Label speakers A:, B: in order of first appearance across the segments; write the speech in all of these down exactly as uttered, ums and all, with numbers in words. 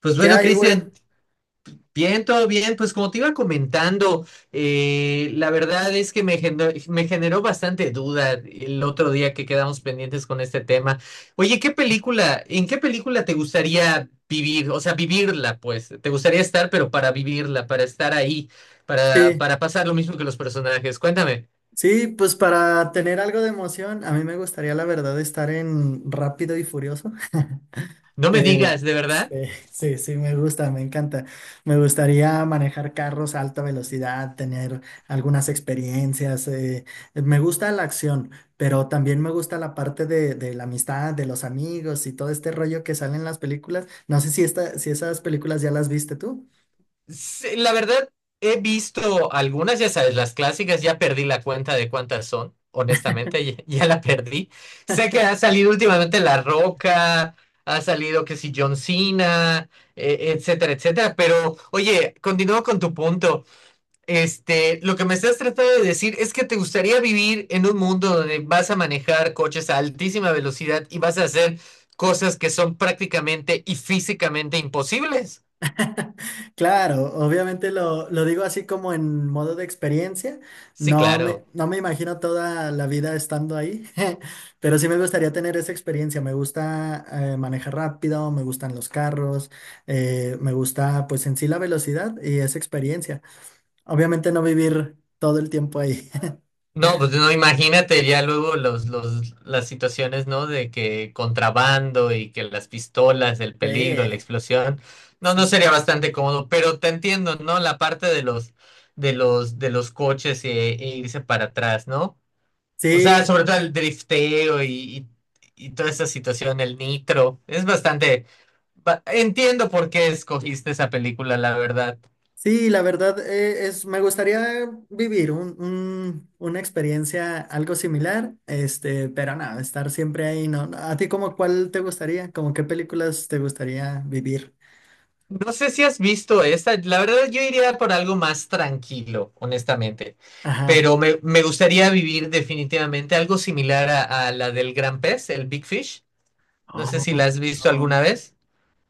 A: Pues
B: ¿Qué
A: bueno,
B: hay,
A: Cristian,
B: Will?
A: bien, todo bien. Pues como te iba comentando, eh, la verdad es que me generó, me generó bastante duda el otro día que quedamos pendientes con este tema. Oye, ¿qué película, en qué película te gustaría vivir? O sea, vivirla, pues. Te gustaría estar, pero para vivirla, para estar ahí, para,
B: Sí,
A: para pasar lo mismo que los personajes. Cuéntame,
B: sí, pues para tener algo de emoción, a mí me gustaría, la verdad, estar en Rápido y Furioso.
A: no me
B: Eh,
A: digas, ¿de
B: sí,
A: verdad?
B: sí, sí, me gusta, me encanta. Me gustaría manejar carros a alta velocidad, tener algunas experiencias. Eh, Me gusta la acción, pero también me gusta la parte de, de la amistad, de los amigos y todo este rollo que sale en las películas. No sé si, esta, si esas películas ya las viste tú.
A: Sí, la verdad, he visto algunas, ya sabes, las clásicas, ya perdí la cuenta de cuántas son, honestamente, ya, ya la perdí. Sé que ha salido últimamente La Roca, ha salido que si John Cena, eh, etcétera, etcétera, pero oye, continúo con tu punto. Este, lo que me estás tratando de decir es que te gustaría vivir en un mundo donde vas a manejar coches a altísima velocidad y vas a hacer cosas que son prácticamente y físicamente imposibles.
B: Claro, obviamente lo, lo digo así como en modo de experiencia.
A: Sí,
B: No me,
A: claro.
B: no me imagino toda la vida estando ahí, pero sí me gustaría tener esa experiencia. Me gusta eh, manejar rápido, me gustan los carros, eh, me gusta pues en sí la velocidad y esa experiencia. Obviamente no vivir todo el tiempo ahí.
A: No, pues no, imagínate ya luego los, los, las situaciones, ¿no? De que contrabando y que las pistolas, el
B: Sí,
A: peligro, la explosión. No, no
B: sí.
A: sería bastante cómodo, pero te entiendo, ¿no? La parte de los, de los, de los coches e, e irse para atrás, ¿no? O sea,
B: Sí,
A: sobre todo el drifteo y, y, y toda esa situación, el nitro. Es bastante. ba- Entiendo por qué escogiste esa película, la verdad.
B: sí, la verdad eh, es, me gustaría vivir un, un- una experiencia algo similar, este, pero nada, estar siempre ahí, ¿no? ¿A ti como cuál te gustaría? ¿Como qué películas te gustaría vivir?
A: No sé si has visto esta, la verdad yo iría por algo más tranquilo, honestamente,
B: Ajá.
A: pero me, me gustaría vivir definitivamente algo similar a, a la del gran pez, el Big Fish. No sé
B: Oh,
A: si la has visto
B: no,
A: alguna vez.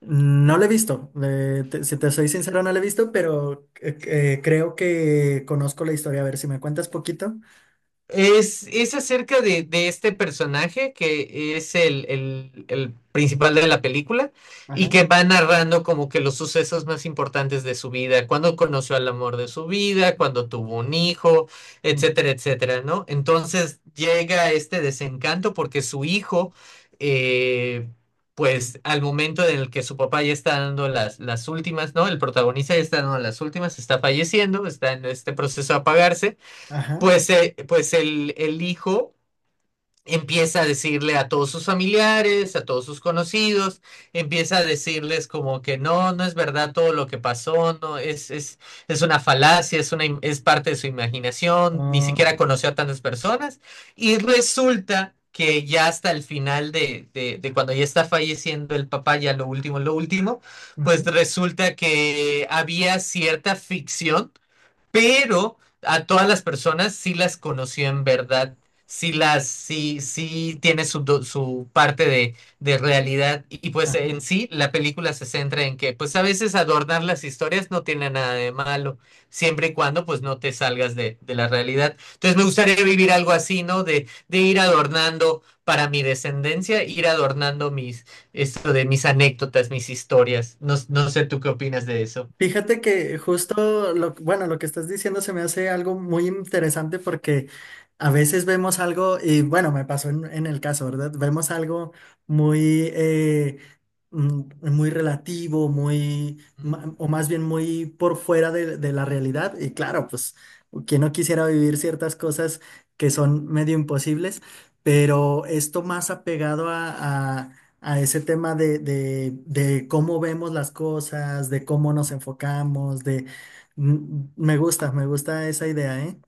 B: no lo he visto, eh, te- si te soy sincero, no lo he visto, pero eh, eh, creo que conozco la historia. A ver, si me cuentas poquito.
A: Es, es acerca de, de este personaje que es el, el- el principal de la película y
B: Ajá,
A: que va narrando como que los sucesos más importantes de su vida, cuando conoció al amor de su vida, cuando tuvo un hijo,
B: ujú,
A: etcétera, etcétera, ¿no? Entonces llega este desencanto porque su hijo, eh, pues al momento en el que su papá ya está dando las, las últimas, ¿no? El protagonista ya está dando las últimas, está falleciendo, está en este proceso de apagarse.
B: ajá,
A: Pues, eh, pues el, el hijo empieza a decirle a todos sus familiares, a todos sus conocidos, empieza a decirles como que no, no es verdad todo lo que pasó, no, es, es, es una falacia, es una, im- es parte de su imaginación, ni
B: oh,
A: siquiera
B: ya,
A: conoció a tantas personas, y resulta que ya hasta el final de, de, de cuando ya está falleciendo el papá, ya lo último, lo último, pues
B: ujú,
A: resulta que había cierta ficción pero a todas las personas sí las conoció en verdad, sí las, sí, sí tiene su, do- su parte de, de realidad y, y, pues en
B: ajá.
A: sí la película se centra en que pues a veces adornar las historias no tiene nada de malo, siempre y cuando pues no te salgas de, de la realidad. Entonces me gustaría vivir algo así, ¿no? De, de ir adornando para mi descendencia, ir adornando mis, esto de mis anécdotas, mis historias. No, no sé tú qué opinas de eso.
B: Fíjate que justo lo, bueno, lo que estás diciendo se me hace algo muy interesante porque a veces vemos algo, y bueno, me pasó en, en el caso, ¿verdad? Vemos algo muy, eh, mm, muy relativo, muy, ma- o más bien muy por fuera de, de la realidad. Y claro, pues, quien no quisiera vivir ciertas cosas que son medio imposibles, pero esto más apegado a a ese tema de, de, de cómo vemos las cosas, de cómo nos enfocamos, de... Mm, Me gusta, me gusta esa idea, ¿eh?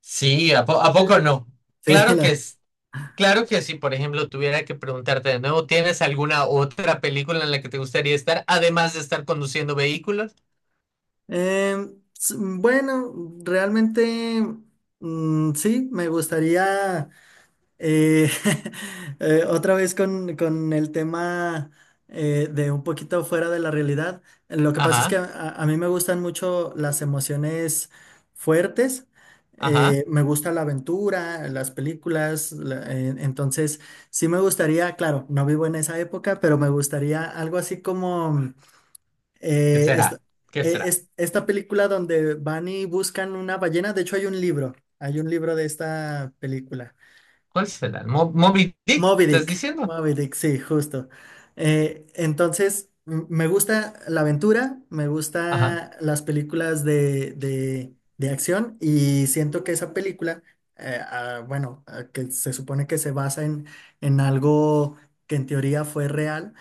A: Sí, ¿a, po- a poco no?
B: Sí,
A: Claro que
B: la-
A: es, claro que sí. Por ejemplo, tuviera que preguntarte de nuevo, ¿tienes alguna otra película en la que te gustaría estar, además de estar conduciendo vehículos?
B: em, s- bueno, realmente, mm, sí, me gustaría. Eh, eh, otra vez con, con el tema eh, de un poquito fuera de la realidad. Lo que pasa es que
A: Ajá,
B: a, a- a mí me gustan mucho las emociones fuertes.
A: ajá.
B: Eh, me gusta la aventura, las películas. La- eh, entonces, sí me gustaría, claro, no vivo en esa época, pero me gustaría algo así como
A: ¿Qué
B: eh, esta,
A: será? ¿Qué
B: eh,
A: será?
B: es- esta película donde van y buscan una ballena. De hecho, hay un libro, hay un libro de esta película.
A: ¿Cuál será? ¿Mo- ¿Moby Dick?
B: Moby
A: ¿Estás
B: Dick,
A: diciendo?
B: Moby Dick, sí, justo. Eh, entonces, m- me gusta la aventura, me
A: Ajá,
B: gusta las películas de, de, de acción y siento que esa película, eh, ah, bueno, ah, que se supone que se basa en, en algo que en teoría fue real,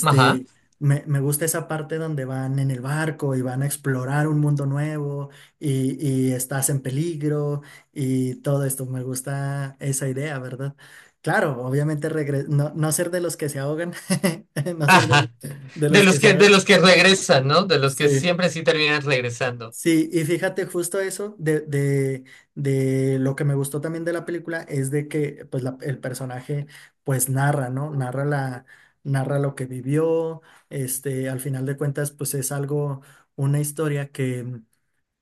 A: ajá,
B: me, me gusta esa parte donde van en el barco y van a explorar un mundo nuevo y, y estás en peligro y todo esto, me gusta esa idea, ¿verdad? Claro, obviamente regre- no, no ser de los que se ahogan, no ser de,
A: ajá.
B: de
A: De
B: los que
A: los
B: se
A: que, de
B: ahogan.
A: los que regresan, ¿no? De los que
B: Sí,
A: siempre sí terminan regresando.
B: sí, y fíjate justo eso de, de, de lo que me gustó también de la película es de que pues la- el personaje pues narra, ¿no? Narra la, narra lo que vivió, este, al final de cuentas pues es algo, una historia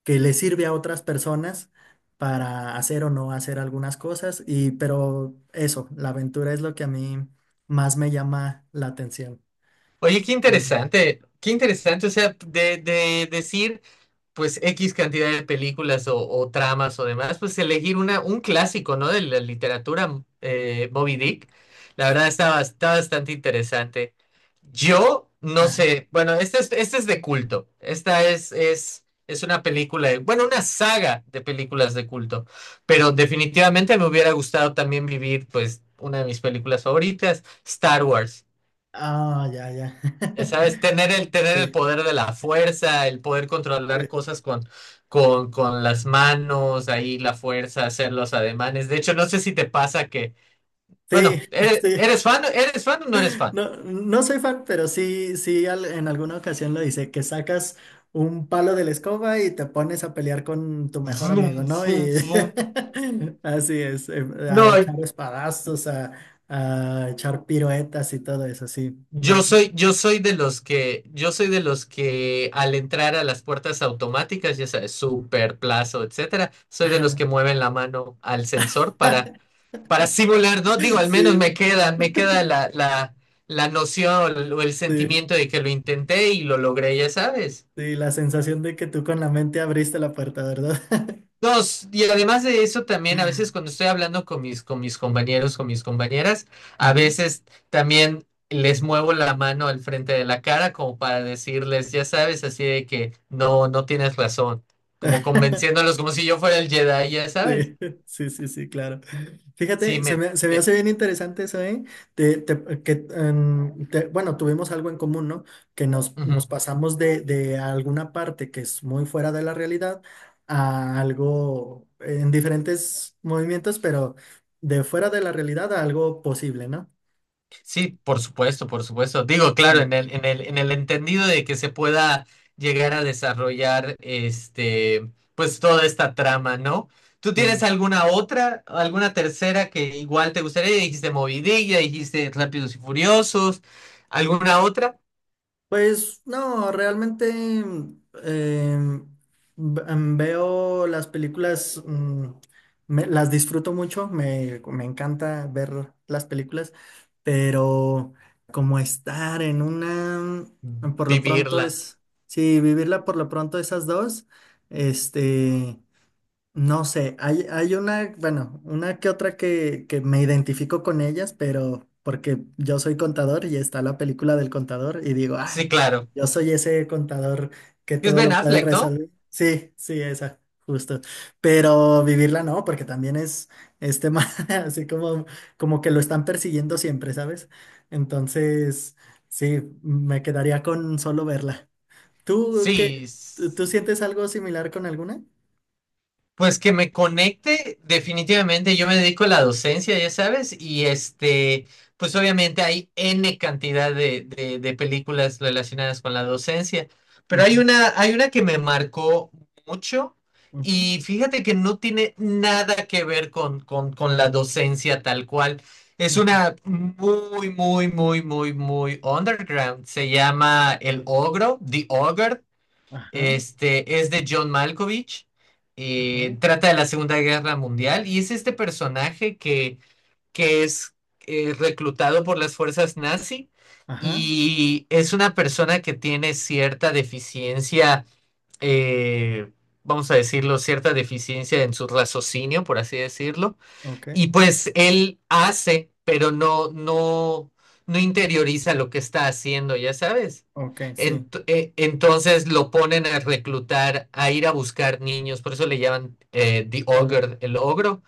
B: que le sirve a otras personas para hacer o no hacer algunas cosas. Y, pero eso, la aventura es lo que a mí más me llama la atención.
A: Oye, qué interesante, qué interesante. O sea, de, de decir. Pues X cantidad de películas o, o tramas o demás, pues elegir una, un clásico, ¿no? De la literatura, eh, Moby Dick. La verdad está, bas- está bastante interesante. Yo no
B: Ajá.
A: sé, bueno, esta es, esta es de culto. Esta es, es, es una película, de- bueno, una saga de películas de culto, pero definitivamente me hubiera gustado también vivir, pues, una de mis películas favoritas, Star Wars.
B: Ah, ya, ya.
A: Ya sabes, tener el, tener el
B: Sí,
A: poder de la fuerza, el poder
B: sí,
A: controlar cosas con, con, con las manos, ahí la fuerza, hacer los ademanes. De hecho, no sé si te pasa que,
B: sí,
A: bueno, ¿eres,
B: sí.
A: eres fan? ¿Eres fan o no eres fan?
B: No, no soy fan, pero sí, sí, al- en alguna ocasión lo hice, que sacas un palo de la escoba y te pones a pelear con tu mejor amigo,
A: Vroom,
B: ¿no? Y
A: vroom, vroom.
B: así es, em, a
A: No,
B: echar espadazos, a, a echar piruetas y todo eso, sí.
A: yo
B: Me...
A: soy, yo soy de los que, yo soy de los que al entrar a las puertas automáticas, ya sabes, Super, Plazo, etcétera, soy de los que mueven la mano al sensor para para simular, ¿no? Digo, al menos me
B: Sí,
A: queda, me queda la, la, la noción o el
B: sí,
A: sentimiento de que lo intenté y lo logré, ya sabes.
B: sí, la sensación de que tú con la mente abriste la puerta, ¿verdad?
A: Dos, y además de eso también a veces cuando estoy hablando con mis, con mis compañeros, con mis compañeras, a
B: Ujú.
A: veces también les muevo la mano al frente de la cara como para decirles, ya sabes, así de que no, no tienes razón, como convenciéndolos como si yo fuera el Jedi, ya sabes.
B: Sí, sí, sí, sí, claro.
A: Sí,
B: Fíjate, se
A: me...
B: me, se me
A: eh,
B: hace bien interesante eso, ¿eh? Te- te- que, em, te- bueno, tuvimos algo en común, ¿no? Que nos,
A: ujú.
B: nos pasamos de, de alguna parte que es muy fuera de la realidad a algo en diferentes movimientos, pero de fuera de la realidad a algo posible, ¿no?
A: Sí, por supuesto, por supuesto. Digo, claro, en el, en el, en el entendido de que se pueda llegar a desarrollar este, pues toda esta trama, ¿no? ¿Tú tienes
B: Sí.
A: alguna otra, alguna tercera que igual te gustaría? Ya dijiste Moby Dick, ya dijiste Rápidos y Furiosos, ¿alguna otra?
B: Pues no, realmente mm, em, ve- em, veo las películas, mm, me- las disfruto mucho, me, me encanta ver las películas, pero como estar en una, mm, por lo pronto
A: Vivirla.
B: es, sí, vivirla por lo pronto esas dos, este... No sé, hay, hay una, bueno, una que otra que, que me identifico con ellas, pero porque yo soy contador y está la película del contador y digo, ay,
A: Sí, claro.
B: yo soy ese contador que
A: Es
B: todo
A: Ben
B: lo puede
A: Affleck, ¿no?
B: resolver. Sí, sí, esa, justo. Pero vivirla no, porque también es, este tema así como, como que lo están persiguiendo siempre, ¿sabes? Entonces, sí, me quedaría con solo verla. ¿Tú qué?
A: Sí.
B: ¿Tú, tú sientes algo similar con alguna?
A: Pues que me conecte, definitivamente yo me dedico a la docencia, ya sabes, y este, pues obviamente hay N cantidad de, de, de películas relacionadas con la docencia, pero hay
B: Ujú,
A: una, hay una que me marcó mucho
B: ujú.
A: y fíjate que no tiene nada que ver con, con, con la docencia tal cual. Es
B: Ujú.
A: una muy, muy, muy, muy, muy underground. Se llama El Ogro, The Ogre,
B: Ajá,
A: este es de John Malkovich.
B: ajá,
A: Eh, trata de la Segunda Guerra Mundial y es este personaje que, que es eh, reclutado por las fuerzas nazi
B: ajá,
A: y es una persona que tiene cierta deficiencia, eh, vamos a decirlo, cierta deficiencia en su raciocinio, por así decirlo.
B: ok,
A: Y pues él hace, pero no, no, no interioriza lo que está haciendo, ya sabes.
B: ok, sí.
A: Ent- eh, entonces lo ponen a reclutar, a ir a buscar niños, por eso le llaman eh, The
B: El o-
A: Ogre, el ogro,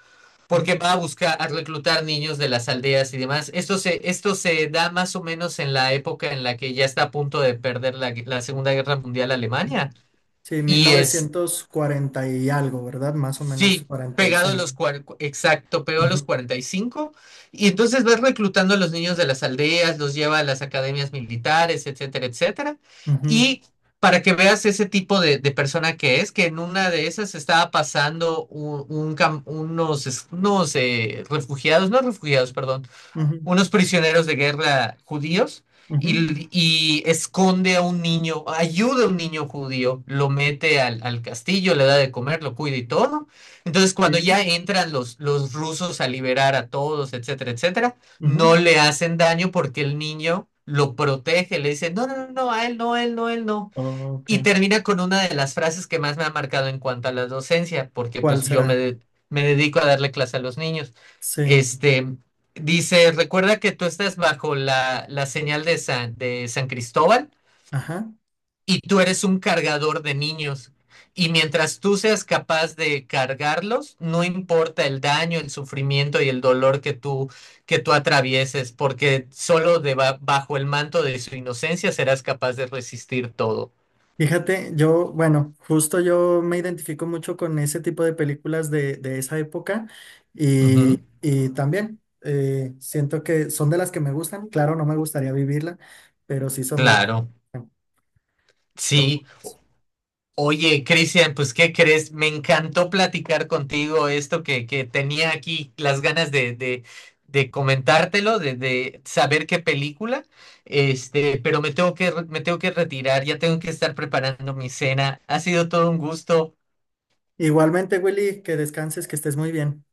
A: porque va a buscar, a reclutar niños de las aldeas y demás. Esto se, esto se da más o menos en la época en la que ya está a punto de perder la, gue- la Segunda Guerra Mundial
B: ujú.
A: Alemania.
B: Sí, mil
A: Y es
B: novecientos cuarenta y algo, ¿verdad? Más o menos
A: sí,
B: cuarenta y
A: pegado a
B: cinco.
A: los cuar- exacto, pegado a los
B: Ujú,
A: cuarenta y cinco. Y cinco. Y entonces vas reclutando a los niños de las aldeas, los lleva a las academias militares, etcétera, etcétera.
B: ujú,
A: Y para que veas ese tipo de, de persona que es, que en una de esas estaba pasando un, un cam- unos, es- unos eh, refugiados, no refugiados, perdón,
B: ujú,
A: unos prisioneros de guerra judíos
B: ujú,
A: y, y esconde a un niño, ayuda a un niño judío, lo mete al, al castillo, le da de comer, lo cuida y todo. Entonces,
B: sí,
A: cuando ya entran los, los rusos a liberar a todos, etcétera, etcétera,
B: ujú.
A: no le hacen daño porque el niño lo protege, le dice, no, no, no, no, a él no, a él no, a él no.
B: Ok,
A: Y termina con una de las frases que más me ha marcado en cuanto a la docencia, porque
B: ¿cuál
A: pues yo me,
B: será?
A: de- me dedico a darle clase a los niños.
B: Sí,
A: Este, dice, recuerda que tú estás bajo la, la señal de San, de San Cristóbal
B: ajá.
A: y tú eres un cargador de niños. Y mientras tú seas capaz de cargarlos, no importa el daño, el sufrimiento y el dolor que tú, que tú atravieses, porque solo deba- bajo el manto de su inocencia serás capaz de resistir todo.
B: Fíjate, yo, bueno, justo yo me identifico mucho con ese tipo de películas de, de esa época
A: Ujú,
B: y, y también eh, siento que son de las que me gustan. Claro, no me gustaría vivirla, pero sí son de las
A: claro.
B: que me
A: Sí,
B: gustan.
A: oye, Cristian, pues ¿qué crees? Me encantó platicar contigo esto que, que tenía aquí las ganas de, de, de comentártelo, de, de saber qué película, este, pero me tengo que, re- me tengo que retirar, ya tengo que estar preparando mi cena. Ha sido todo un gusto
B: Igualmente, Willy, que descanses, que estés muy bien.